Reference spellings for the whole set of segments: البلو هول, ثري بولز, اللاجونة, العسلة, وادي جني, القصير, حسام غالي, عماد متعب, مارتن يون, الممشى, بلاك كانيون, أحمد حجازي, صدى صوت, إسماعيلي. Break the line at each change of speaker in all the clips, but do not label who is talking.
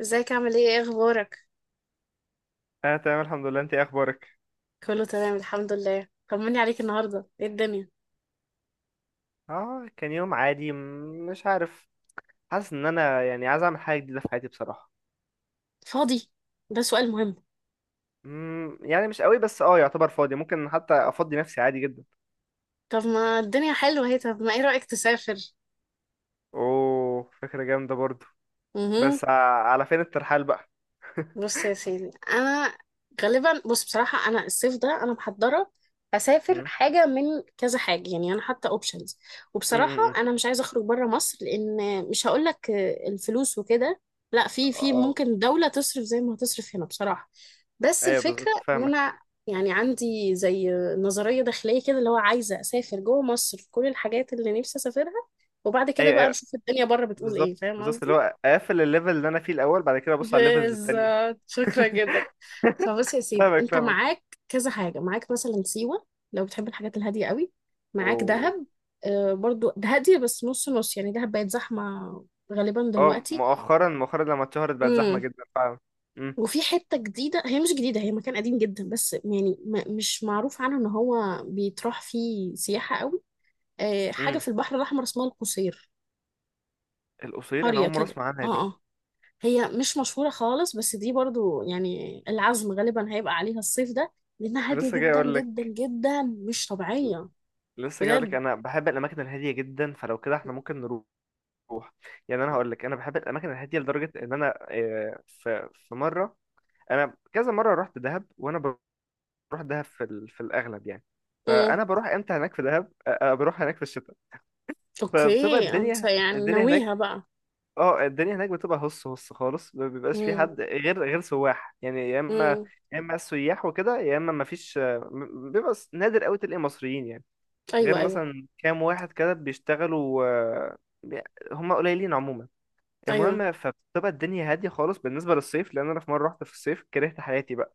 ازيك عامل ايه ايه اخبارك؟
انا تمام الحمد لله. انت ايه اخبارك؟
كله تمام الحمد لله. طمني عليك، النهارده ايه الدنيا؟
اه، كان يوم عادي. مش عارف، حاسس ان انا عايز اعمل حاجه جديده في حياتي بصراحه.
فاضي؟ ده سؤال مهم.
يعني مش قوي، بس اه يعتبر فاضي، ممكن حتى افضي نفسي عادي جدا.
طب ما الدنيا حلوه اهي، طب ما ايه رأيك تسافر؟
اوه، فكره جامده برضو.
امم
بس ع- على فين الترحال بقى؟
بص يا سيدي، انا غالبا، بص بصراحه انا الصيف ده انا محضره اسافر
مم،
حاجه من كذا حاجه. يعني انا حاطه اوبشنز،
مم،
وبصراحه
مم، مم.
انا مش عايزه اخرج بره مصر لان، مش هقول لك الفلوس وكده، لا، في
اه.
ممكن دوله تصرف زي ما هتصرف هنا بصراحه. بس
ايوه
الفكره
بالظبط
ان
فاهمك.
انا يعني عندي زي نظريه داخليه كده، اللي هو عايزه اسافر جوه مصر في كل الحاجات اللي نفسي اسافرها، وبعد كده
ايوه،
بقى
ايوه،
نشوف الدنيا بره بتقول ايه.
بالظبط
فاهم
بالظبط، اللي
قصدي؟
هو اقفل الليفل اللي انا فيه الاول، بعد كده ابص على الليفلز التانية.
بالظبط، شكرا جدا. فبص يا سيدي،
فاهمك
انت
فاهمك
معاك كذا حاجة. معاك مثلا سيوة لو بتحب الحاجات الهادية قوي، معاك
اوه.
دهب. آه برضو ده هادية بس نص نص، يعني دهب بقت زحمة غالبا
اه،
دلوقتي.
مؤخرا مؤخرا لما اتشهرت بقت زحمه
امم
جدا فعلا.
وفي حتة جديدة، هي مش جديدة، هي مكان قديم جدا بس يعني مش معروف عنه ان هو بيتراح فيه سياحة قوي. آه، حاجة
مم.
في البحر الأحمر اسمها القصير.
القصير انا
قرية
اول مره
كده.
اسمع
اه
عنها دي.
آه. هي مش مشهورة خالص بس دي برضو يعني العزم غالبا هيبقى عليها الصيف ده، لأنها
انا لسه
هادية
جاي
جدا
اقول
جدا
لك،
جدا مش طبيعية. بجد؟
انا بحب الاماكن الهاديه جدا، فلو كده احنا ممكن نروح. يعني انا هقول لك، انا بحب الاماكن الهاديه لدرجه ان انا في مره، انا كذا مره رحت دهب، وانا بروح دهب في ال... في الاغلب يعني،
امم
فانا بروح امتى هناك في دهب، بروح هناك في الشتاء. فبتبقى
اوكي، انت
الدنيا
يعني
الدنيا هناك
ناويها بقى.
اه الدنيا هناك بتبقى هص هص خالص، ما بيبقاش في
امم.
حد غير سواح يعني، يا اما
امم.
السياح وكده، يا اما ما فيش، نادر قوي تلاقي مصريين يعني، غير
ايوه، ايوه.
مثلا كام واحد كده بيشتغلوا، هم قليلين عموما.
ايوه
المهم، فبتبقى الدنيا هادية خالص بالنسبة للصيف، لأن أنا في مرة رحت في الصيف كرهت حياتي بقى.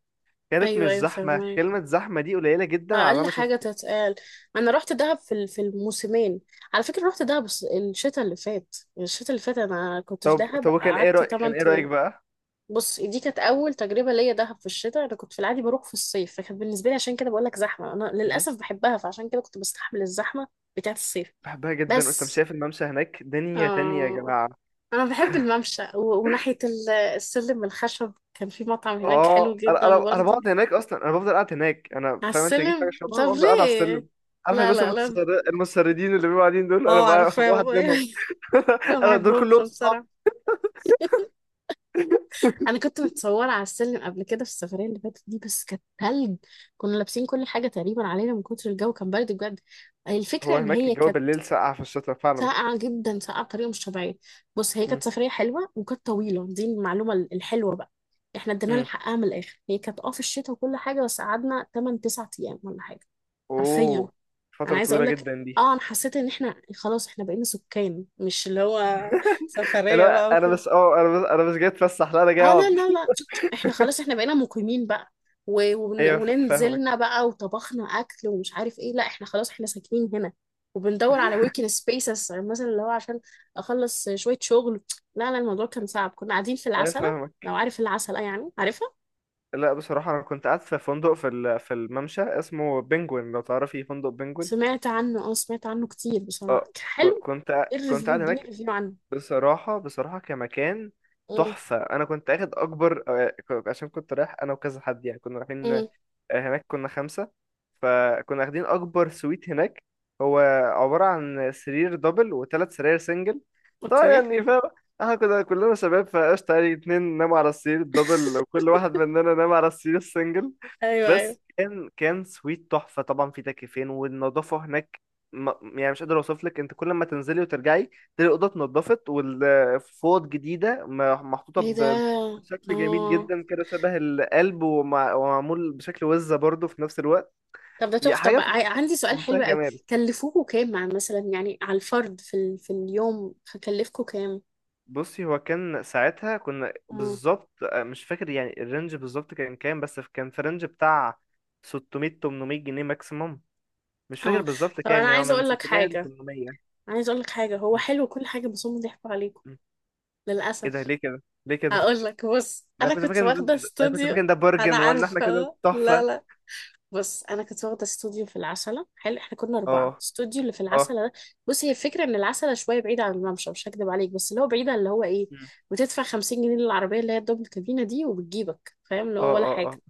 كانت
ايوه،
مش
ايوه
زحمة،
فاهمك،
كلمة زحمة دي قليلة جدا على اللي
اقل
أنا
حاجة
شفته.
تتقال. انا رحت دهب في في الموسمين، على فكرة. رحت دهب الشتاء اللي فات. الشتاء اللي فات انا كنت في
طب
دهب،
طب وكان إيه
قعدت
رأيك،
8.
بقى؟
بص، دي كانت اول تجربه ليا دهب في الشتاء. انا كنت في العادي بروح في الصيف، فكانت بالنسبه لي، عشان كده بقول لك زحمه، انا
مم.
للاسف بحبها فعشان كده كنت بستحمل الزحمه بتاعه الصيف.
بحبها جدا. وأنت مش
بس
شايف الممشى هناك؟ دنيا تانية يا
آه،
جماعة.
انا بحب الممشى وناحيه السلم الخشب، كان في مطعم هناك حلو
اه، انا
جدا
انا انا
برضه.
بقعد هناك اصلا، انا بفضل قاعد هناك. انا
على
فاهم انت بتجيب حاجه
السلم؟
شبه،
طب
بفضل قاعد على
ليه؟
السلم. عارف
لا
الناس
لا لا.
المتسردين اللي بيبقوا قاعدين دول، انا
اه
بقى
عارفاه.
واحد منهم.
ما
انا دول
بحبهمش
كلهم صحاب.
بصراحه. انا كنت متصوره على السلم قبل كده في السفريه اللي فاتت دي، بس كانت تلج، كنا لابسين كل حاجه تقريبا علينا من كتر الجو، كان برد بجد. الفكره
هو
ان
هناك
هي
الجو
كانت
بالليل ساقع في الشتاء فعلا.
ساقعه جدا، ساقعه بطريقه مش طبيعيه. بص هي
مم.
كانت سفريه حلوه وكانت طويله، دي المعلومه الحلوه بقى. احنا ادينا لها
مم.
حقها من الاخر، هي كانت اه في الشتاء وكل حاجه بس قعدنا 8 9 ايام ولا حاجه. حرفيا.
اوه،
انا
فتره
عايزه
طويله
اقول لك،
جدا دي.
اه انا حسيت ان احنا خلاص احنا بقينا سكان، مش اللي هو سفرية
لا
بقى
انا
وكده.
بس اه انا بس انا مش جاي اتفسح، لا انا جاي
اه لا
اقعد.
لا لا، احنا خلاص احنا بقينا مقيمين بقى،
ايوه، فاهمك.
وننزلنا بقى وطبخنا اكل ومش عارف ايه، لا احنا خلاص احنا ساكنين هنا. وبندور على وركينج سبيسز مثلا، اللي هو عشان اخلص شويه شغل. لا لا، الموضوع كان صعب، كنا قاعدين في
ايوه
العسله.
فاهمك.
لو عارف العسله، يعني عارفها.
لا بصراحه انا كنت قاعد في فندق في في الممشى اسمه بنجوين، لو تعرفي فندق بنجوين.
سمعت عنه، اه سمعت عنه كتير،
اه،
بصراحه كان حلو. ايه
كنت
الريفيو؟
قاعد
اديني
هناك.
ريفيو عنه.
بصراحة كمكان
امم.
تحفة. أنا كنت أخد أكبر عشان كنت رايح أنا وكذا حد يعني، كنا رايحين
امم.
هناك، كنا خمسة، فكنا واخدين أكبر سويت هناك. هو عبارة عن سرير دبل وثلاث سراير سنجل. طبعا
اوكي.
يعني فاهم، احنا كنا كلنا شباب فقشطة يعني. اتنين ناموا على السرير الدبل، وكل واحد مننا نام على السرير السنجل.
ايوه ايوه.
بس كان سويت تحفة، طبعا في تكييفين، والنظافة هناك يعني مش قادر اوصف لك. انت كل ما تنزلي وترجعي تلاقي الأوضة اتنضفت، والفوط جديدة، محطوطة
ايه ده!
بشكل جميل
اه.
جدا كده شبه القلب، ومعمول بشكل وزة برضه في نفس الوقت.
طب ده
هي
تحفة.
حاجة
طب
في
عندي سؤال
منتهى
حلو قوي،
الجمال.
كلفوكوا كام مع مثلا يعني على الفرد في ال... في اليوم هكلفكوا كام؟
بصي، هو كان ساعتها كنا
مم.
بالظبط مش فاكر يعني الرينج بالظبط كان كام، بس كان في رينج بتاع 600 800 جنيه ماكسيموم. مش فاكر
اه.
بالظبط
طب
كام،
انا
يعني هو
عايزه
من
اقول لك
600 ل
حاجه،
800.
عايزه اقول لك حاجه، هو حلو كل حاجه بس هم ضحكوا عليكم
مم. ايه ده،
للاسف.
ليه كده؟ ليه كده؟
هقول لك، بص
انا
انا
كنت فاكر
كنت
ان ده...
واخده
انا كنت فاكر
استوديو.
ان ده
انا
برجن، وان احنا كده
عارفه، لا
تحفه.
لا، بص انا كنت واخده استوديو في العسله حلو، احنا كنا
اه.
اربعه، الاستوديو اللي في
اه.
العسله ده، بص هي الفكره ان العسله شويه بعيده عن الممشى، مش هكدب عليك، بس اللي هو بعيده اللي هو ايه،
مم.
بتدفع 50 جنيه للعربيه اللي هي الدبل كابينه دي وبتجيبك، فاهم اللي
اه
هو، ولا
اه اه.
حاجه.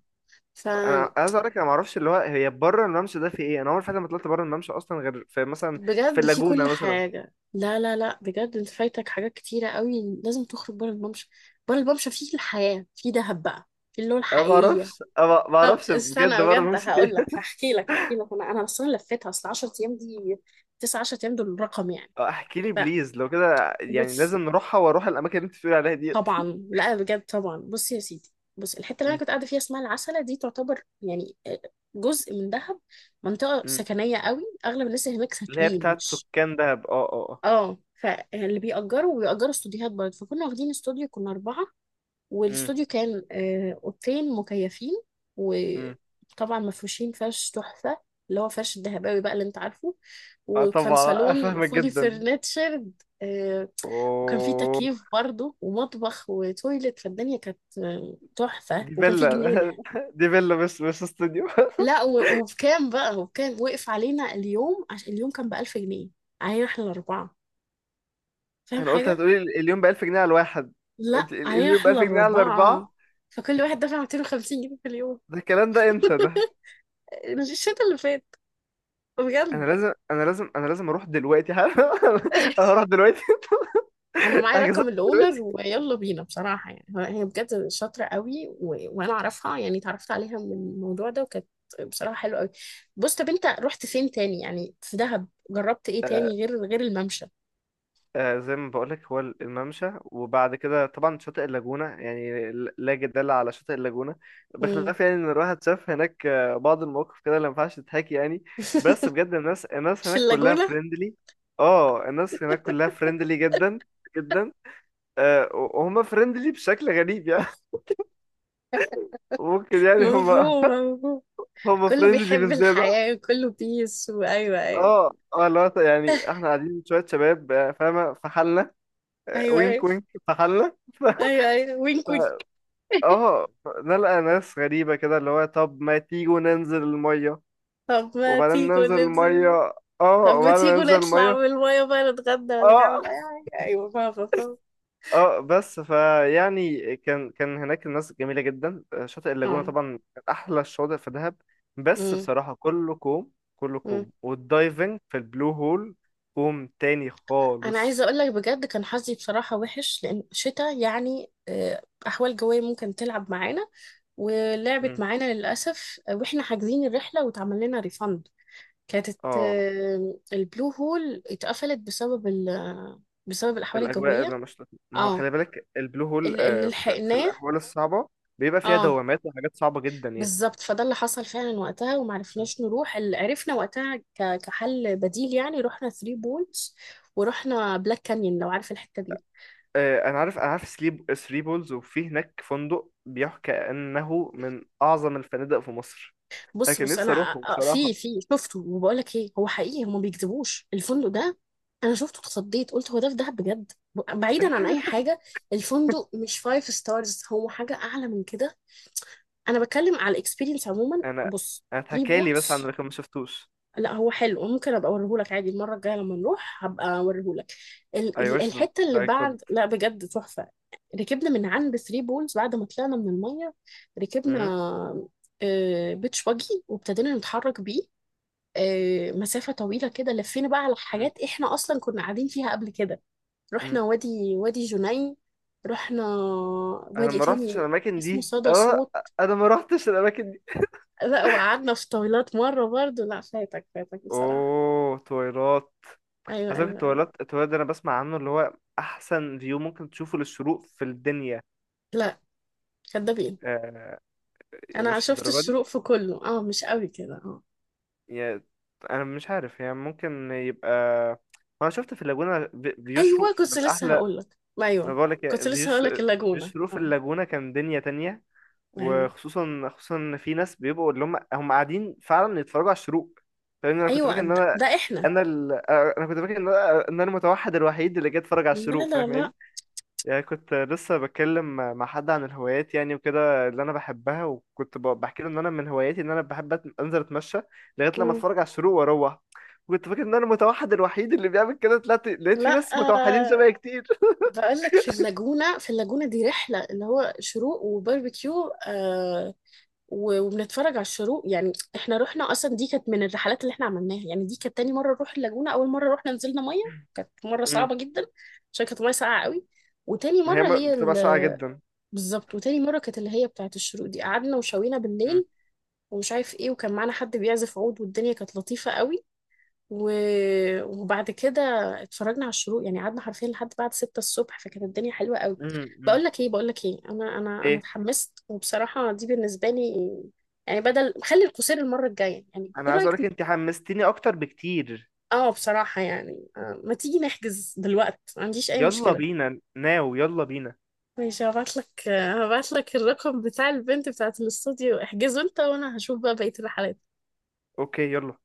انا
فبجد
عايز اقول لك، انا ما اعرفش اللي هو هي بره الممشى ده في ايه، انا عمري فعلا ما طلعت بره الممشى اصلا، غير في مثلا في
في
اللاجونه
كل
مثلا.
حاجه. لا لا لا، بجد انت فايتك حاجات كتيره قوي، لازم تخرج بره الممشى. بره الممشى فيه الحياه في دهب بقى، في اللي هو
انا ما اعرفش،
الحقيقيه.
انا ما ما
طب
اعرفش بجد
استنى
بره
بجد
الممشى في
هقول
ايه.
لك، هحكي لك هحكي لك، انا انا اصلا لفيتها، اصل 10 ايام دي، 9 10 ايام دول رقم يعني.
آه، احكي لي
لا،
بليز، لو كده يعني
بص
لازم نروحها واروح الاماكن اللي انت بتقول عليها ديت.
طبعا، لا بجد طبعا، بص يا سيدي، بص الحته اللي انا
مم.
كنت قاعده فيها اسمها العسله، دي تعتبر يعني آه، جزء من دهب، منطقه
مم.
سكنيه قوي، اغلب الناس اللي هناك
اللي هي
ساكنين
بتاعت
مش،
سكان دهب، اه اه اه.
اه فاللي بيأجروا، وبيأجروا استوديوهات برضه، فكنا واخدين استوديو، كنا اربعه،
مم.
والاستوديو كان آه، اوضتين مكيفين
مم.
وطبعا مفروشين فرش تحفه، اللي هو فرش الدهباوي بقى اللي انت عارفه،
اه
وكان
طبعا.
صالون
افهمك
فولي
جدا.
فرنتشرد، وكان في
اوه.
تكييف برضه، ومطبخ، وتويلت، فالدنيا كانت آه، تحفة،
دي
وكان في
فيلا.
جنينة.
دي فيلا، بس بس استوديو.
لا. وبكام بقى، وبكام وقف علينا اليوم، عشان اليوم كان بـ1000 جنيه علينا احنا الأربعة. فاهم
انا قلت
حاجة؟
هتقولي اليوم ب 1000 جنيه على الواحد.
لا
قلت
علينا
اليوم ب
احنا
1000 جنيه على
الأربعة.
الاربعه.
فكل واحد دفع 250 جنيه في اليوم.
ده الكلام ده امتى ده؟
الشتا اللي فات. بجد.
انا لازم اروح دلوقتي حالا. انا هروح دلوقتي.
انا معايا
احجز.
رقم الاونر ويلا بينا بصراحه، يعني هي بجد شاطره قوي، و... وانا اعرفها، يعني اتعرفت عليها من الموضوع ده، وكانت بصراحه حلوه قوي. بص، طب انت رحت فين تاني يعني في دهب؟ جربت ايه تاني غير الممشى؟
آه، زي ما بقولك، هو الممشى، وبعد كده طبعا شاطئ اللاجونة يعني، لا جدال على شاطئ اللاجونة.
مم.
بخلاف يعني ان الواحد شاف هناك بعض المواقف كده اللي ما ينفعش تتحكي يعني. بس بجد الناس،
في
هناك كلها
اللاجونه.
فريندلي. اه، الناس هناك كلها فريندلي جدا جدا. وهم فريندلي بشكل غريب يعني. ممكن يعني هم
مفهوم، مفهوم.
هم
كله
فريندلي
بيحب
بالزيادة.
الحياه، كله بيس، وايوه ايوه.
اه اه، اللي هو يعني احنا قاعدين شوية شباب، فاهمة، في حالنا،
ايوه
وينك
ايوه.
وينك في حالنا.
ايوه ايوه، وينك وينك.
اه، نلقى ناس غريبة كده اللي هو، طب ما تيجوا ننزل المية،
طب ما
وبعدين
تيجوا
ننزل
ننزل.
المية.
طب
اه،
ما
وبعدين
تيجوا
ننزل
نطلع
المية.
من المايه بقى، نتغدى ولا
اه
نعمل اي حاجه، ايوه فاهمه فاهمه.
اه. بس فيعني كان هناك الناس جميلة جدا. شاطئ اللاجونة
اه.
طبعا كان أحلى الشواطئ في دهب، بس
امم.
بصراحة كله كوم،
امم.
والدايفنج في البلو هول كوم تاني
انا عايزه
خالص.
اقول لك، بجد كان حظي بصراحه وحش، لان شتاء يعني آه، احوال جويه ممكن تلعب معانا، ولعبت
مم.
معانا للاسف آه، واحنا حاجزين الرحله واتعمل لنا ريفند. كانت
اه
آه، البلو هول اتقفلت بسبب ال، بسبب الاحوال
الأجواء
الجويه.
اللي مش لطيفة. ما هو
اه.
خلي بالك البلو هول
اللي
في
لحقناه.
الأحوال الصعبة بيبقى فيها
اه
دوامات وحاجات صعبة جدا يعني.
بالظبط، فده اللي حصل فعلا وقتها، ومعرفناش نروح. اللي عرفنا وقتها كحل بديل يعني، رحنا ثري بولز، ورحنا بلاك كانيون، لو عارف الحته دي.
آه، انا عارف. سليب ثري بولز، وفي هناك فندق بيحكى انه من اعظم الفنادق في مصر، انا
بص
كان
بص
نفسي
انا
اروحه بصراحه.
في شفته، وبقول لك ايه، هو حقيقي هم ما بيكذبوش، الفندق ده انا شفته اتخضيت، قلت هو ده في دهب بجد، بعيدا عن اي حاجه، الفندق مش فايف ستارز، هو حاجه اعلى من كده، انا بتكلم على الاكسبيرينس عموما.
انا
بص،
انا
ثري
اتحكى لي بس عن
بولز،
لكن ما شفتوش.
لا هو حلو، ممكن ابقى اوريهولك عادي المره الجايه لما نروح هبقى اوريهولك.
اي وش ذات،
الحته اللي
اي كود.
بعد، لا بجد تحفه. ركبنا من عند ثري بولز بعد ما طلعنا من الميه، ركبنا بيتش باجي، وابتدينا نتحرك بيه آه، مسافة طويلة كده، لفينا بقى على حاجات احنا اصلا كنا قاعدين فيها قبل كده. رحنا وادي، وادي جني. رحنا
انا
وادي
ما رحتش
تاني
الاماكن
اسمه
دي.
صدى صوت.
انا ما رحتش الاماكن دي
لا، وقعدنا في طويلات مرة برضو، لا فاتك فاتك بصراحة.
اوه تويلات.
ايوه
عايز اقول
ايوه ايوه.
التويلات، التويلات ده انا بسمع عنه اللي هو احسن فيو ممكن تشوفه للشروق في الدنيا.
لا، كدابين.
آه، يعني
انا
مش
شفت
الدرجه دي؟
الشروق في كله، اه مش قوي كده، اه.
يا انا مش عارف يعني، ممكن يبقى، انا شفت في اللاجونة
ايوه
بيشرق
كنت
من
لسه
احلى.
هقول لك،
انا
ايوه
بقول لك
كنت لسه هقول
فيوش،
لك اللاجونة،
بيشرق في
اه.
اللاجونة كان دنيا تانية.
ايوه
وخصوصا ان في ناس بيبقوا اللي هم قاعدين فعلا يتفرجوا على الشروق. لان انا كنت
ايوه،
فاكر ان
ده
انا،
ده احنا.
انا ال... انا كنت فاكر ان انا المتوحد الوحيد اللي جاي اتفرج على
لا
الشروق،
لا لا.
فاهماني يعني. كنت لسه بتكلم مع حد عن الهوايات يعني وكده اللي انا بحبها، وكنت بحكي له ان انا من هواياتي ان انا بحب انزل اتمشى لغايه لما
مم.
اتفرج على الشروق واروح. وكنت فاكر ان انا المتوحد الوحيد اللي بيعمل كده، طلعت لقيت في
لا
ناس متوحدين شبهي كتير.
بقول لك في اللاجونة، في اللاجونة دي رحلة اللي هو شروق وباربيكيو آه، وبنتفرج على الشروق، يعني احنا رحنا، اصلا دي كانت من الرحلات اللي احنا عملناها، يعني دي كانت تاني مرة نروح اللاجونة. اول مرة رحنا نزلنا مية، مرة
امم.
صعبة جدا عشان كانت مية ساقعة قوي. وتاني
ما هي
مرة هي
بتبقى ساقعه جدا.
بالظبط، وتاني مرة كانت اللي هي بتاعت الشروق دي، قعدنا وشوينا
امم.
بالليل ومش عارف ايه، وكان معانا حد بيعزف عود، والدنيا كانت لطيفة قوي، و... وبعد كده اتفرجنا على الشروق، يعني قعدنا حرفيا لحد بعد 6 الصبح، فكانت الدنيا حلوة قوي.
امم. أمم.
بقول لك ايه، بقول لك ايه، انا
ايه.
اتحمست، وبصراحة دي بالنسبة لي يعني، بدل خلي القصير المرة الجاية يعني،
انا
ايه
عايز
رأيك
اقولك انت حمستيني اكتر بكتير.
اه بصراحة يعني آه، ما تيجي نحجز دلوقتي، ما عنديش اي
يلا
مشكلة.
بينا ناو، يلا بينا.
ماشي، هبعت لك هبعت لك الرقم بتاع البنت بتاعت الاستوديو، احجزه انت وانا هشوف بقى بقية الرحلات.
اوكي يلا